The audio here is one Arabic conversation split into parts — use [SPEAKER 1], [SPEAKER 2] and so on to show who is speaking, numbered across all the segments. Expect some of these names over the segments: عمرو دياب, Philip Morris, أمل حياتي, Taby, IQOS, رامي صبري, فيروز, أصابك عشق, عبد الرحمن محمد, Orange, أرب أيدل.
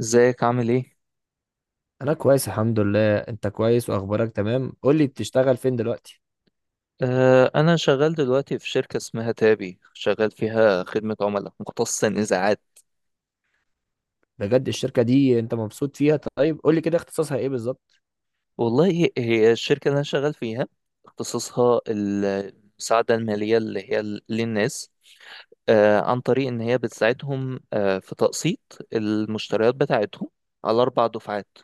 [SPEAKER 1] ازيك عامل ايه؟
[SPEAKER 2] انا كويس الحمد لله. انت كويس واخبارك تمام؟ قول لي بتشتغل فين دلوقتي.
[SPEAKER 1] انا شغال دلوقتي في شركة اسمها تابي، شغال فيها خدمة عملاء مختصة نزاعات.
[SPEAKER 2] بجد الشركة دي انت مبسوط فيها؟ طيب قول لي كده اختصاصها ايه بالظبط.
[SPEAKER 1] والله هي الشركة اللي انا شغال فيها، اختصاصها المساعدة المالية للناس، عن طريق ان هي بتساعدهم في تقسيط المشتريات بتاعتهم على 4 دفعات.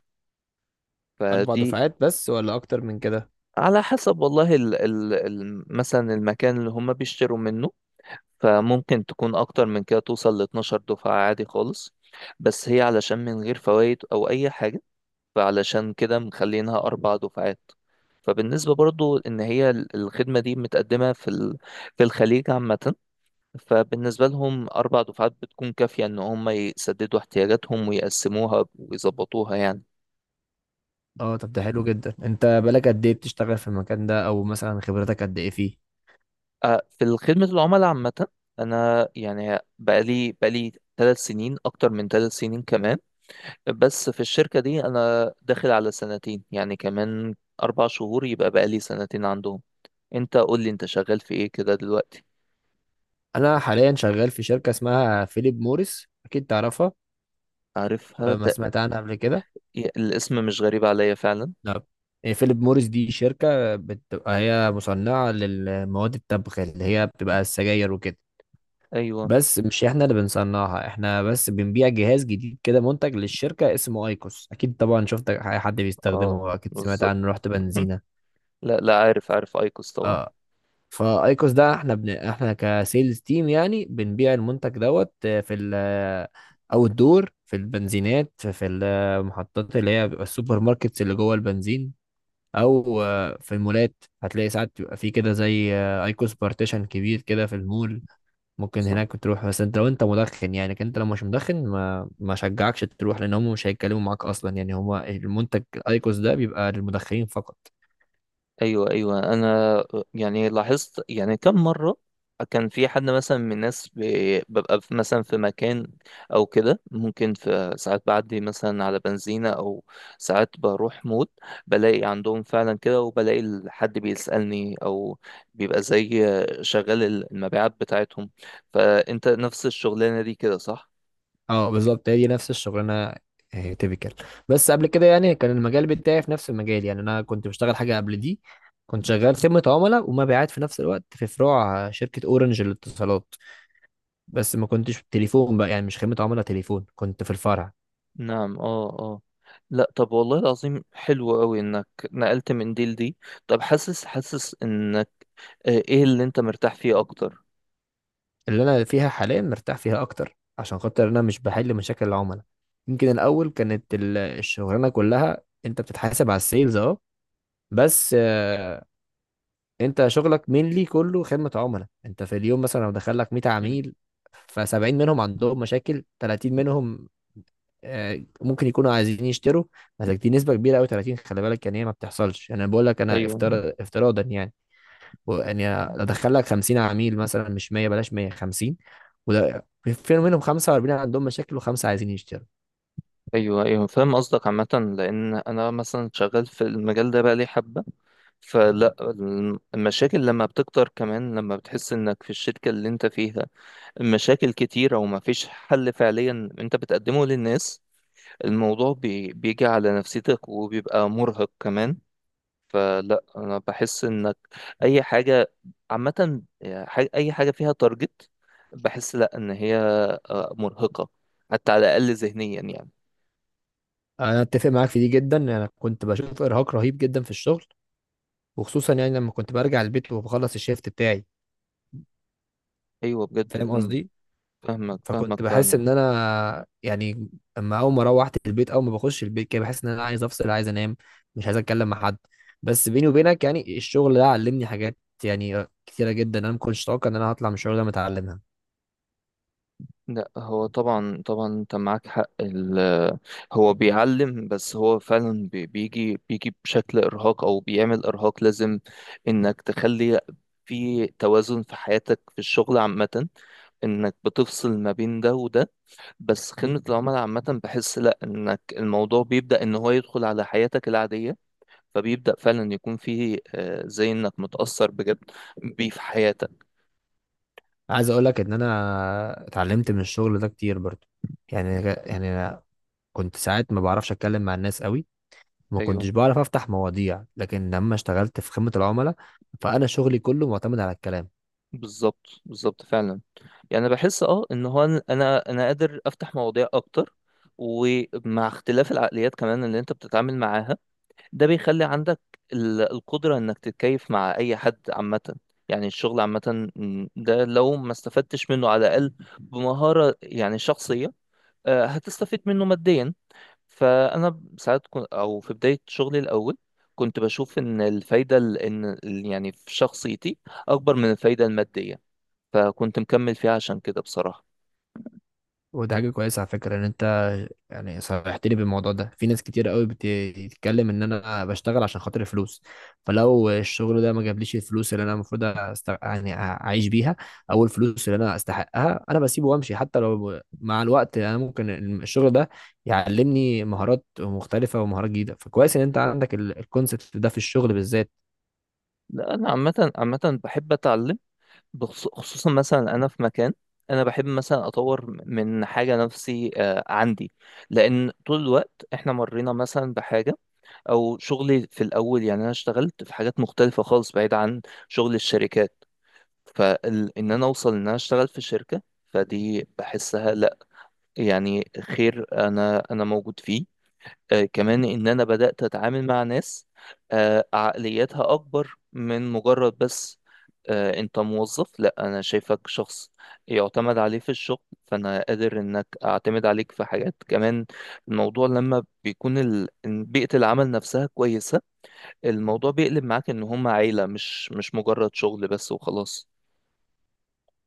[SPEAKER 2] اربع
[SPEAKER 1] فدي
[SPEAKER 2] دفعات بس ولا اكتر من كده؟
[SPEAKER 1] على حسب، والله ال ال ال مثلا المكان اللي هم بيشتروا منه، فممكن تكون أكتر من كده، توصل 12 دفعة عادي خالص. بس هي علشان من غير فوائد أو أي حاجة، فعلشان كده مخلينها 4 دفعات. فبالنسبة برضو إن هي الخدمة دي متقدمة في في الخليج عامة، فبالنسبة لهم 4 دفعات بتكون كافية إن هم يسددوا احتياجاتهم ويقسموها ويظبطوها يعني.
[SPEAKER 2] اه، طب ده حلو جدا. انت بقالك قد ايه بتشتغل في المكان ده، او مثلا خبرتك قد ايه فيه؟
[SPEAKER 1] في خدمة العملاء عامة، أنا يعني بقالي 3 سنين، أكتر من 3 سنين كمان. بس في الشركة دي أنا داخل على سنتين، يعني كمان 4 شهور يبقى بقالي سنتين عندهم. أنت قول لي أنت شغال في إيه كده دلوقتي؟
[SPEAKER 2] انا حاليا شغال في شركة اسمها فيليب موريس، اكيد تعرفها
[SPEAKER 1] عارفها
[SPEAKER 2] ولا ما
[SPEAKER 1] تق...
[SPEAKER 2] سمعت عنها قبل كده؟
[SPEAKER 1] الاسم مش غريب عليا فعلا.
[SPEAKER 2] لا. إيه، فيليب موريس دي شركة بتبقى هي مصنعة للمواد التبغ اللي هي بتبقى السجاير وكده.
[SPEAKER 1] أيوه.
[SPEAKER 2] بس مش احنا اللي بنصنعها، احنا بس بنبيع جهاز جديد كده منتج للشركة اسمه ايكوس. اكيد طبعا شفت اي حد
[SPEAKER 1] أه،
[SPEAKER 2] بيستخدمه، اكيد سمعت
[SPEAKER 1] بالظبط.
[SPEAKER 2] عنه، رحت بنزينة.
[SPEAKER 1] لا لا، عارف عارف أيكوس طبعا.
[SPEAKER 2] اه، فايكوس ده احنا احنا كسيلز تيم يعني بنبيع المنتج دوت في ال او الدور في البنزينات، في المحطات اللي هي بيبقى السوبر ماركتس اللي جوه البنزين، او في المولات. هتلاقي ساعات بيبقى في كده زي ايكوس بارتيشن كبير كده في المول. ممكن هناك تروح، بس انت لو انت مدخن يعني، لكن انت لو مش مدخن ما شجعكش تروح، لان هم مش هيتكلموا معاك اصلا. يعني هو المنتج الايكوس ده بيبقى للمدخنين فقط.
[SPEAKER 1] ايوه ايوه، انا يعني لاحظت، يعني كم مره كان في حد مثلا من الناس مثلا في مكان، او كده ممكن في ساعات بعدي مثلا على بنزينه، او ساعات بروح مود بلاقي عندهم فعلا كده، وبلاقي حد بيسالني، او بيبقى زي شغال المبيعات بتاعتهم. فانت نفس الشغلانه دي كده، صح؟
[SPEAKER 2] اه، بالظبط هي دي نفس الشغلانه، تيبيكال. بس قبل كده يعني كان المجال بتاعي في نفس المجال، يعني انا كنت بشتغل حاجه قبل دي. كنت شغال خدمه عملاء ومبيعات في نفس الوقت في فروع شركه اورنج للاتصالات، بس ما كنتش في التليفون بقى، يعني مش خدمه عملاء تليفون، كنت في الفرع.
[SPEAKER 1] نعم، اه اه. لا، طب والله العظيم، حلو قوي انك نقلت من دي لدي. طب، حاسس ان ايه اللي انت مرتاح فيه اكتر؟
[SPEAKER 2] اللي انا فيها حاليا مرتاح فيها اكتر، عشان خاطر انا مش بحل مشاكل العملاء. يمكن الاول كانت الشغلانه كلها انت بتتحاسب على السيلز، اه. بس انت شغلك مينلي كله خدمه عملاء. انت في اليوم مثلا لو دخل لك 100
[SPEAKER 1] مم.
[SPEAKER 2] عميل، ف70 منهم عندهم مشاكل، 30 منهم ممكن يكونوا عايزين يشتروا. بس دي نسبه كبيره قوي، 30، خلي بالك يعني، هي ما بتحصلش. يعني انا بقول لك انا
[SPEAKER 1] ايوه
[SPEAKER 2] افتراضا يعني. يعني ادخل لك 50 عميل مثلا، مش 100، بلاش 150، وده في منهم 45 عندهم مشاكل وخمسه عايزين يشتروا.
[SPEAKER 1] ايوه ايوه، فاهم قصدك عامه. لان انا مثلا شغال في المجال ده بقى لي حبه، فلا المشاكل لما بتكتر، كمان لما بتحس انك في الشركه اللي انت فيها المشاكل كتيره وما فيش حل فعليا انت بتقدمه للناس، الموضوع بيجي على نفسيتك وبيبقى مرهق كمان. فلا انا بحس انك اي حاجه عامه، يعني اي حاجه فيها تارجت، بحس لا ان هي مرهقه حتى على الاقل ذهنيا يعني.
[SPEAKER 2] انا اتفق معاك في دي جدا. انا كنت بشوف ارهاق رهيب جدا في الشغل، وخصوصا يعني لما كنت برجع البيت وبخلص الشيفت بتاعي،
[SPEAKER 1] ايوه بجد
[SPEAKER 2] فاهم
[SPEAKER 1] الم-
[SPEAKER 2] قصدي.
[SPEAKER 1] فاهمك فاهمك
[SPEAKER 2] فكنت بحس
[SPEAKER 1] فعلا.
[SPEAKER 2] ان انا يعني، اما اول ما روحت البيت، اول ما بخش البيت كده بحس ان انا عايز افصل، عايز انام، مش عايز اتكلم مع حد. بس بيني وبينك يعني الشغل ده علمني حاجات يعني كتيره جدا، انا ما كنتش اتوقع ان انا هطلع من الشغل ده متعلمها.
[SPEAKER 1] لا هو طبعا طبعا انت معاك حق. هو بيعلم، بس هو فعلا بيجي بشكل ارهاق، او بيعمل ارهاق، لازم انك تخلي في توازن في حياتك، في الشغل عامة، انك بتفصل ما بين ده وده. بس خدمة العملاء عامة بحس لأ، إنك الموضوع بيبدأ إن هو يدخل على حياتك العادية، فبيبدأ فعلا يكون فيه زي إنك متأثر بجد بيه في حياتك.
[SPEAKER 2] عايز اقول لك ان انا اتعلمت من الشغل ده كتير برضو. يعني أنا كنت ساعات ما بعرفش اتكلم مع الناس قوي، وما
[SPEAKER 1] أيوه،
[SPEAKER 2] كنتش بعرف افتح مواضيع، لكن لما اشتغلت في خدمة العملاء، فانا شغلي كله معتمد على الكلام.
[SPEAKER 1] بالظبط بالظبط فعلا. يعني أنا بحس إن هو أنا قادر أفتح مواضيع أكتر، ومع اختلاف العقليات كمان اللي أنت بتتعامل معاها ده بيخلي عندك القدرة إنك تتكيف مع أي حد عامة. يعني الشغل عامة، ده لو ما استفدتش منه على الأقل بمهارة يعني شخصية، هتستفيد منه ماديا. فانا ساعات او في بدايه شغلي الاول كنت بشوف ان الفايده يعني في شخصيتي اكبر من الفايده الماديه، فكنت مكمل فيها عشان كده بصراحه.
[SPEAKER 2] وده حاجة كويسة على فكرة، ان انت يعني صرحت لي بالموضوع ده. في ناس كتير قوي بتتكلم ان انا بشتغل عشان خاطر الفلوس، فلو الشغل ده ما جابليش الفلوس اللي انا المفروض يعني اعيش بيها، او الفلوس اللي انا استحقها، انا بسيبه وامشي. حتى لو مع الوقت انا ممكن الشغل ده يعلمني مهارات مختلفة ومهارات جديدة، فكويس ان انت عندك الكونسبت ده في الشغل بالذات.
[SPEAKER 1] لا انا عامه عامه بحب اتعلم، خصوصا مثلا انا في مكان انا بحب مثلا اطور من حاجه نفسي عندي، لان طول الوقت احنا مرينا مثلا بحاجه. او شغلي في الاول، يعني انا اشتغلت في حاجات مختلفه خالص بعيد عن شغل الشركات، فإن أنا أوصل إن أنا أشتغل في شركة فدي بحسها لأ، يعني خير أنا موجود فيه. كمان إن أنا بدأت أتعامل مع ناس عقلياتها أكبر من مجرد بس أنت موظف، لأ، أنا شايفك شخص يعتمد عليه في الشغل، فأنا قادر إنك أعتمد عليك في حاجات كمان. الموضوع لما بيكون بيئة العمل نفسها كويسة، الموضوع بيقلب معاك إن هم عيلة، مش مجرد شغل بس وخلاص.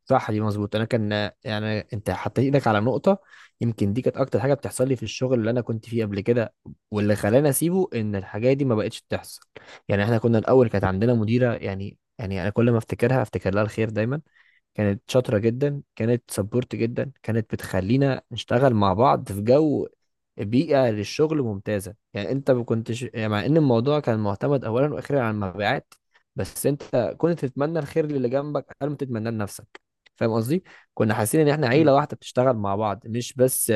[SPEAKER 2] صح، دي مظبوط. انا كان يعني انت حطيت ايدك على نقطه، يمكن دي كانت اكتر حاجه بتحصل لي في الشغل اللي انا كنت فيه قبل كده، واللي خلاني اسيبه ان الحاجات دي ما بقتش تحصل. يعني احنا كنا الاول كانت عندنا مديره، يعني انا كل ما افتكرها افتكر لها الخير دايما. كانت شاطرة جدا، كانت سبورت جدا، كانت بتخلينا نشتغل مع بعض في جو بيئة للشغل ممتازة. يعني انت ما كنتش يعني، مع ان الموضوع كان معتمد اولا واخيرا على المبيعات، بس انت كنت تتمنى الخير للي جنبك قبل ما تتمناه لنفسك، فاهم قصدي؟ كنا حاسين ان احنا
[SPEAKER 1] مم.
[SPEAKER 2] عيلة واحدة بتشتغل مع بعض، مش بس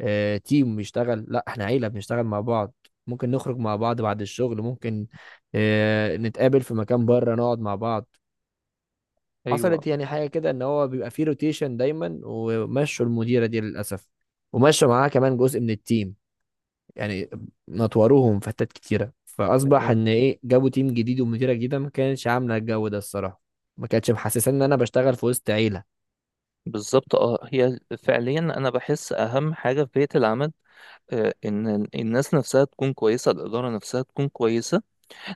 [SPEAKER 2] تيم بيشتغل، لا، احنا عيلة بنشتغل مع بعض. ممكن نخرج مع بعض بعد الشغل، ممكن نتقابل في مكان بره نقعد مع بعض. حصلت
[SPEAKER 1] ايوه.
[SPEAKER 2] يعني حاجه كده، ان هو بيبقى فيه روتيشن دايما، ومشوا المديره دي للاسف، ومشوا معاها كمان جزء من التيم، يعني نطوروهم في حتت كتيره، فاصبح
[SPEAKER 1] أيوة.
[SPEAKER 2] ان ايه، جابوا تيم جديد ومديره جديده ما كانتش عامله الجو ده الصراحه، ما كانتش محسسه ان انا بشتغل في وسط عيله.
[SPEAKER 1] بالظبط. اه هي فعليا انا بحس اهم حاجه في بيئه العمل، ان الناس نفسها تكون كويسه، الاداره نفسها تكون كويسه،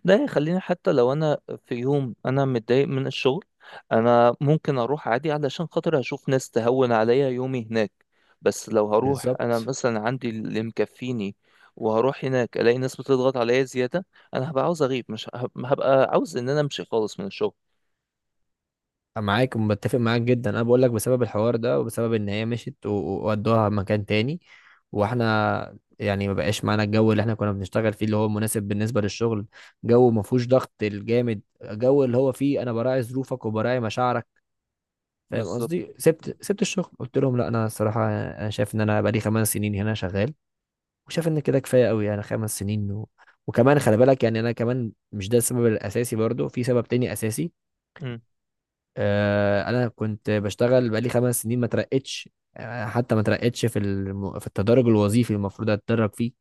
[SPEAKER 1] ده يخليني حتى لو انا في يوم انا متضايق من الشغل، انا ممكن اروح عادي علشان خاطر اشوف ناس تهون عليا يومي هناك. بس لو هروح انا
[SPEAKER 2] بالظبط،
[SPEAKER 1] مثلا عندي اللي مكفيني، وهروح هناك الاقي ناس بتضغط عليا زياده، انا هبقى عاوز اغيب، مش هبقى عاوز ان انا امشي خالص من الشغل.
[SPEAKER 2] معاك ومتفق معاك جدا. انا بقول لك بسبب الحوار ده، وبسبب ان هي مشيت وودوها مكان تاني، واحنا يعني ما بقاش معانا الجو اللي احنا كنا بنشتغل فيه، اللي هو مناسب بالنسبه للشغل. جو ما فيهوش ضغط الجامد، جو اللي هو فيه انا براعي ظروفك وبراعي مشاعرك، فاهم
[SPEAKER 1] بالظبط.
[SPEAKER 2] قصدي. سبت الشغل، قلت لهم لا انا الصراحه انا شايف ان انا بقالي خمس سنين هنا شغال، وشايف ان كده كفايه قوي، يعني خمس سنين وكمان خلي بالك يعني انا كمان مش ده السبب الاساسي، برضو في سبب تاني اساسي.
[SPEAKER 1] مم.
[SPEAKER 2] انا كنت بشتغل بقالي خمس سنين ما ترقتش، حتى ما ترقتش في في التدرج الوظيفي اللي المفروض اتدرج فيه.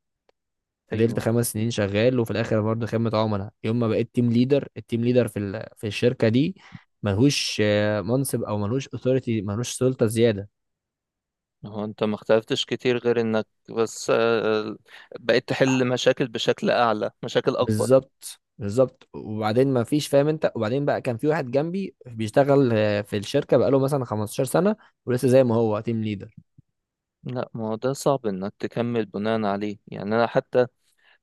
[SPEAKER 2] فضلت
[SPEAKER 1] ايوه.
[SPEAKER 2] خمس سنين شغال وفي الاخر برضه خدمة عملاء. يوم ما بقيت تيم ليدر، التيم ليدر في في الشركة دي ملهوش منصب، او ملهوش اوثوريتي، ملهوش سلطة زيادة.
[SPEAKER 1] هو انت ما اختلفتش كتير غير انك بس بقيت تحل مشاكل بشكل اعلى، مشاكل اكبر.
[SPEAKER 2] بالظبط بالظبط، وبعدين ما فيش، فاهم انت؟ وبعدين بقى كان في واحد جنبي بيشتغل في الشركة بقاله مثلا 15 سنة، ولسه زي ما هو تيم ليدر.
[SPEAKER 1] لا ما هو ده صعب انك تكمل بناء عليه، يعني انا حتى.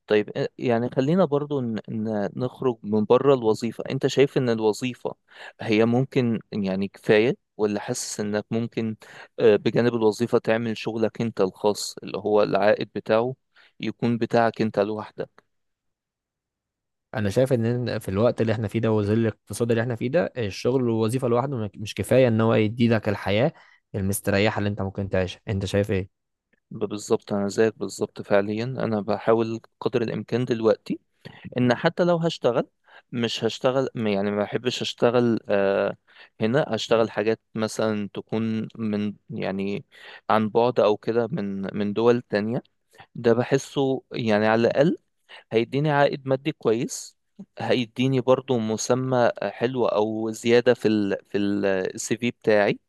[SPEAKER 1] طيب، يعني خلينا برضو نخرج من بره الوظيفة، انت شايف ان الوظيفة هي ممكن يعني كفاية، ولا حاسس انك ممكن بجانب الوظيفة تعمل شغلك انت الخاص اللي هو العائد بتاعه يكون بتاعك انت لوحدك؟
[SPEAKER 2] انا شايف ان في الوقت اللي احنا فيه ده وظل الاقتصاد اللي احنا فيه ده، الشغل والوظيفه لوحده مش كفايه ان هو يدي لك الحياه المستريحه اللي انت ممكن تعيشها. انت شايف ايه؟
[SPEAKER 1] بالظبط، انا زيك بالظبط فعليا، انا بحاول قدر الامكان دلوقتي ان حتى لو هشتغل، مش هشتغل يعني ما بحبش اشتغل هنا، اشتغل حاجات مثلا تكون من يعني عن بعد او كده، من دول تانية. ده بحسه يعني على الاقل هيديني عائد مادي كويس، هيديني برضو مسمى حلو او زيادة في في CV بتاعي،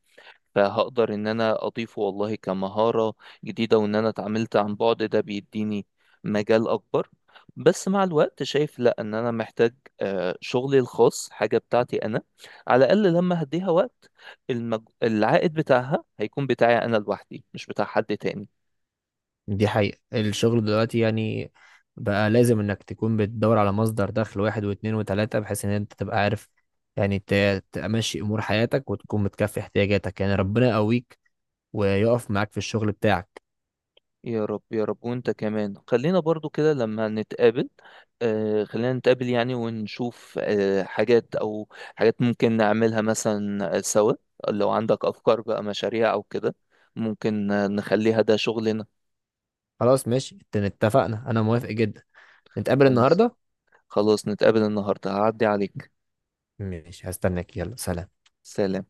[SPEAKER 1] فهقدر ان انا اضيفه والله كمهارة جديدة، وان انا اتعاملت عن بعد ده بيديني مجال اكبر. بس مع الوقت شايف لا، ان انا محتاج شغلي الخاص، حاجة بتاعتي انا، على الاقل لما هديها وقت العائد بتاعها هيكون بتاعي انا لوحدي، مش بتاع حد تاني.
[SPEAKER 2] دي حقيقه الشغل دلوقتي يعني. بقى لازم انك تكون بتدور على مصدر دخل واحد واثنين وثلاثه، بحيث ان انت تبقى عارف يعني تمشي امور حياتك وتكون متكفي احتياجاتك. يعني ربنا يقويك ويقف معاك في الشغل بتاعك.
[SPEAKER 1] يا رب يا رب. وانت كمان خلينا برضو كده لما نتقابل، خلينا نتقابل يعني ونشوف حاجات او حاجات ممكن نعملها مثلا سوا، لو عندك افكار بقى مشاريع او كده ممكن نخليها ده شغلنا.
[SPEAKER 2] خلاص ماشي، اتفقنا، انا موافق جدا. نتقابل
[SPEAKER 1] خلاص
[SPEAKER 2] النهارده.
[SPEAKER 1] خلاص، نتقابل النهارده هعدي عليك.
[SPEAKER 2] ماشي، هستناك، يلا سلام.
[SPEAKER 1] سلام.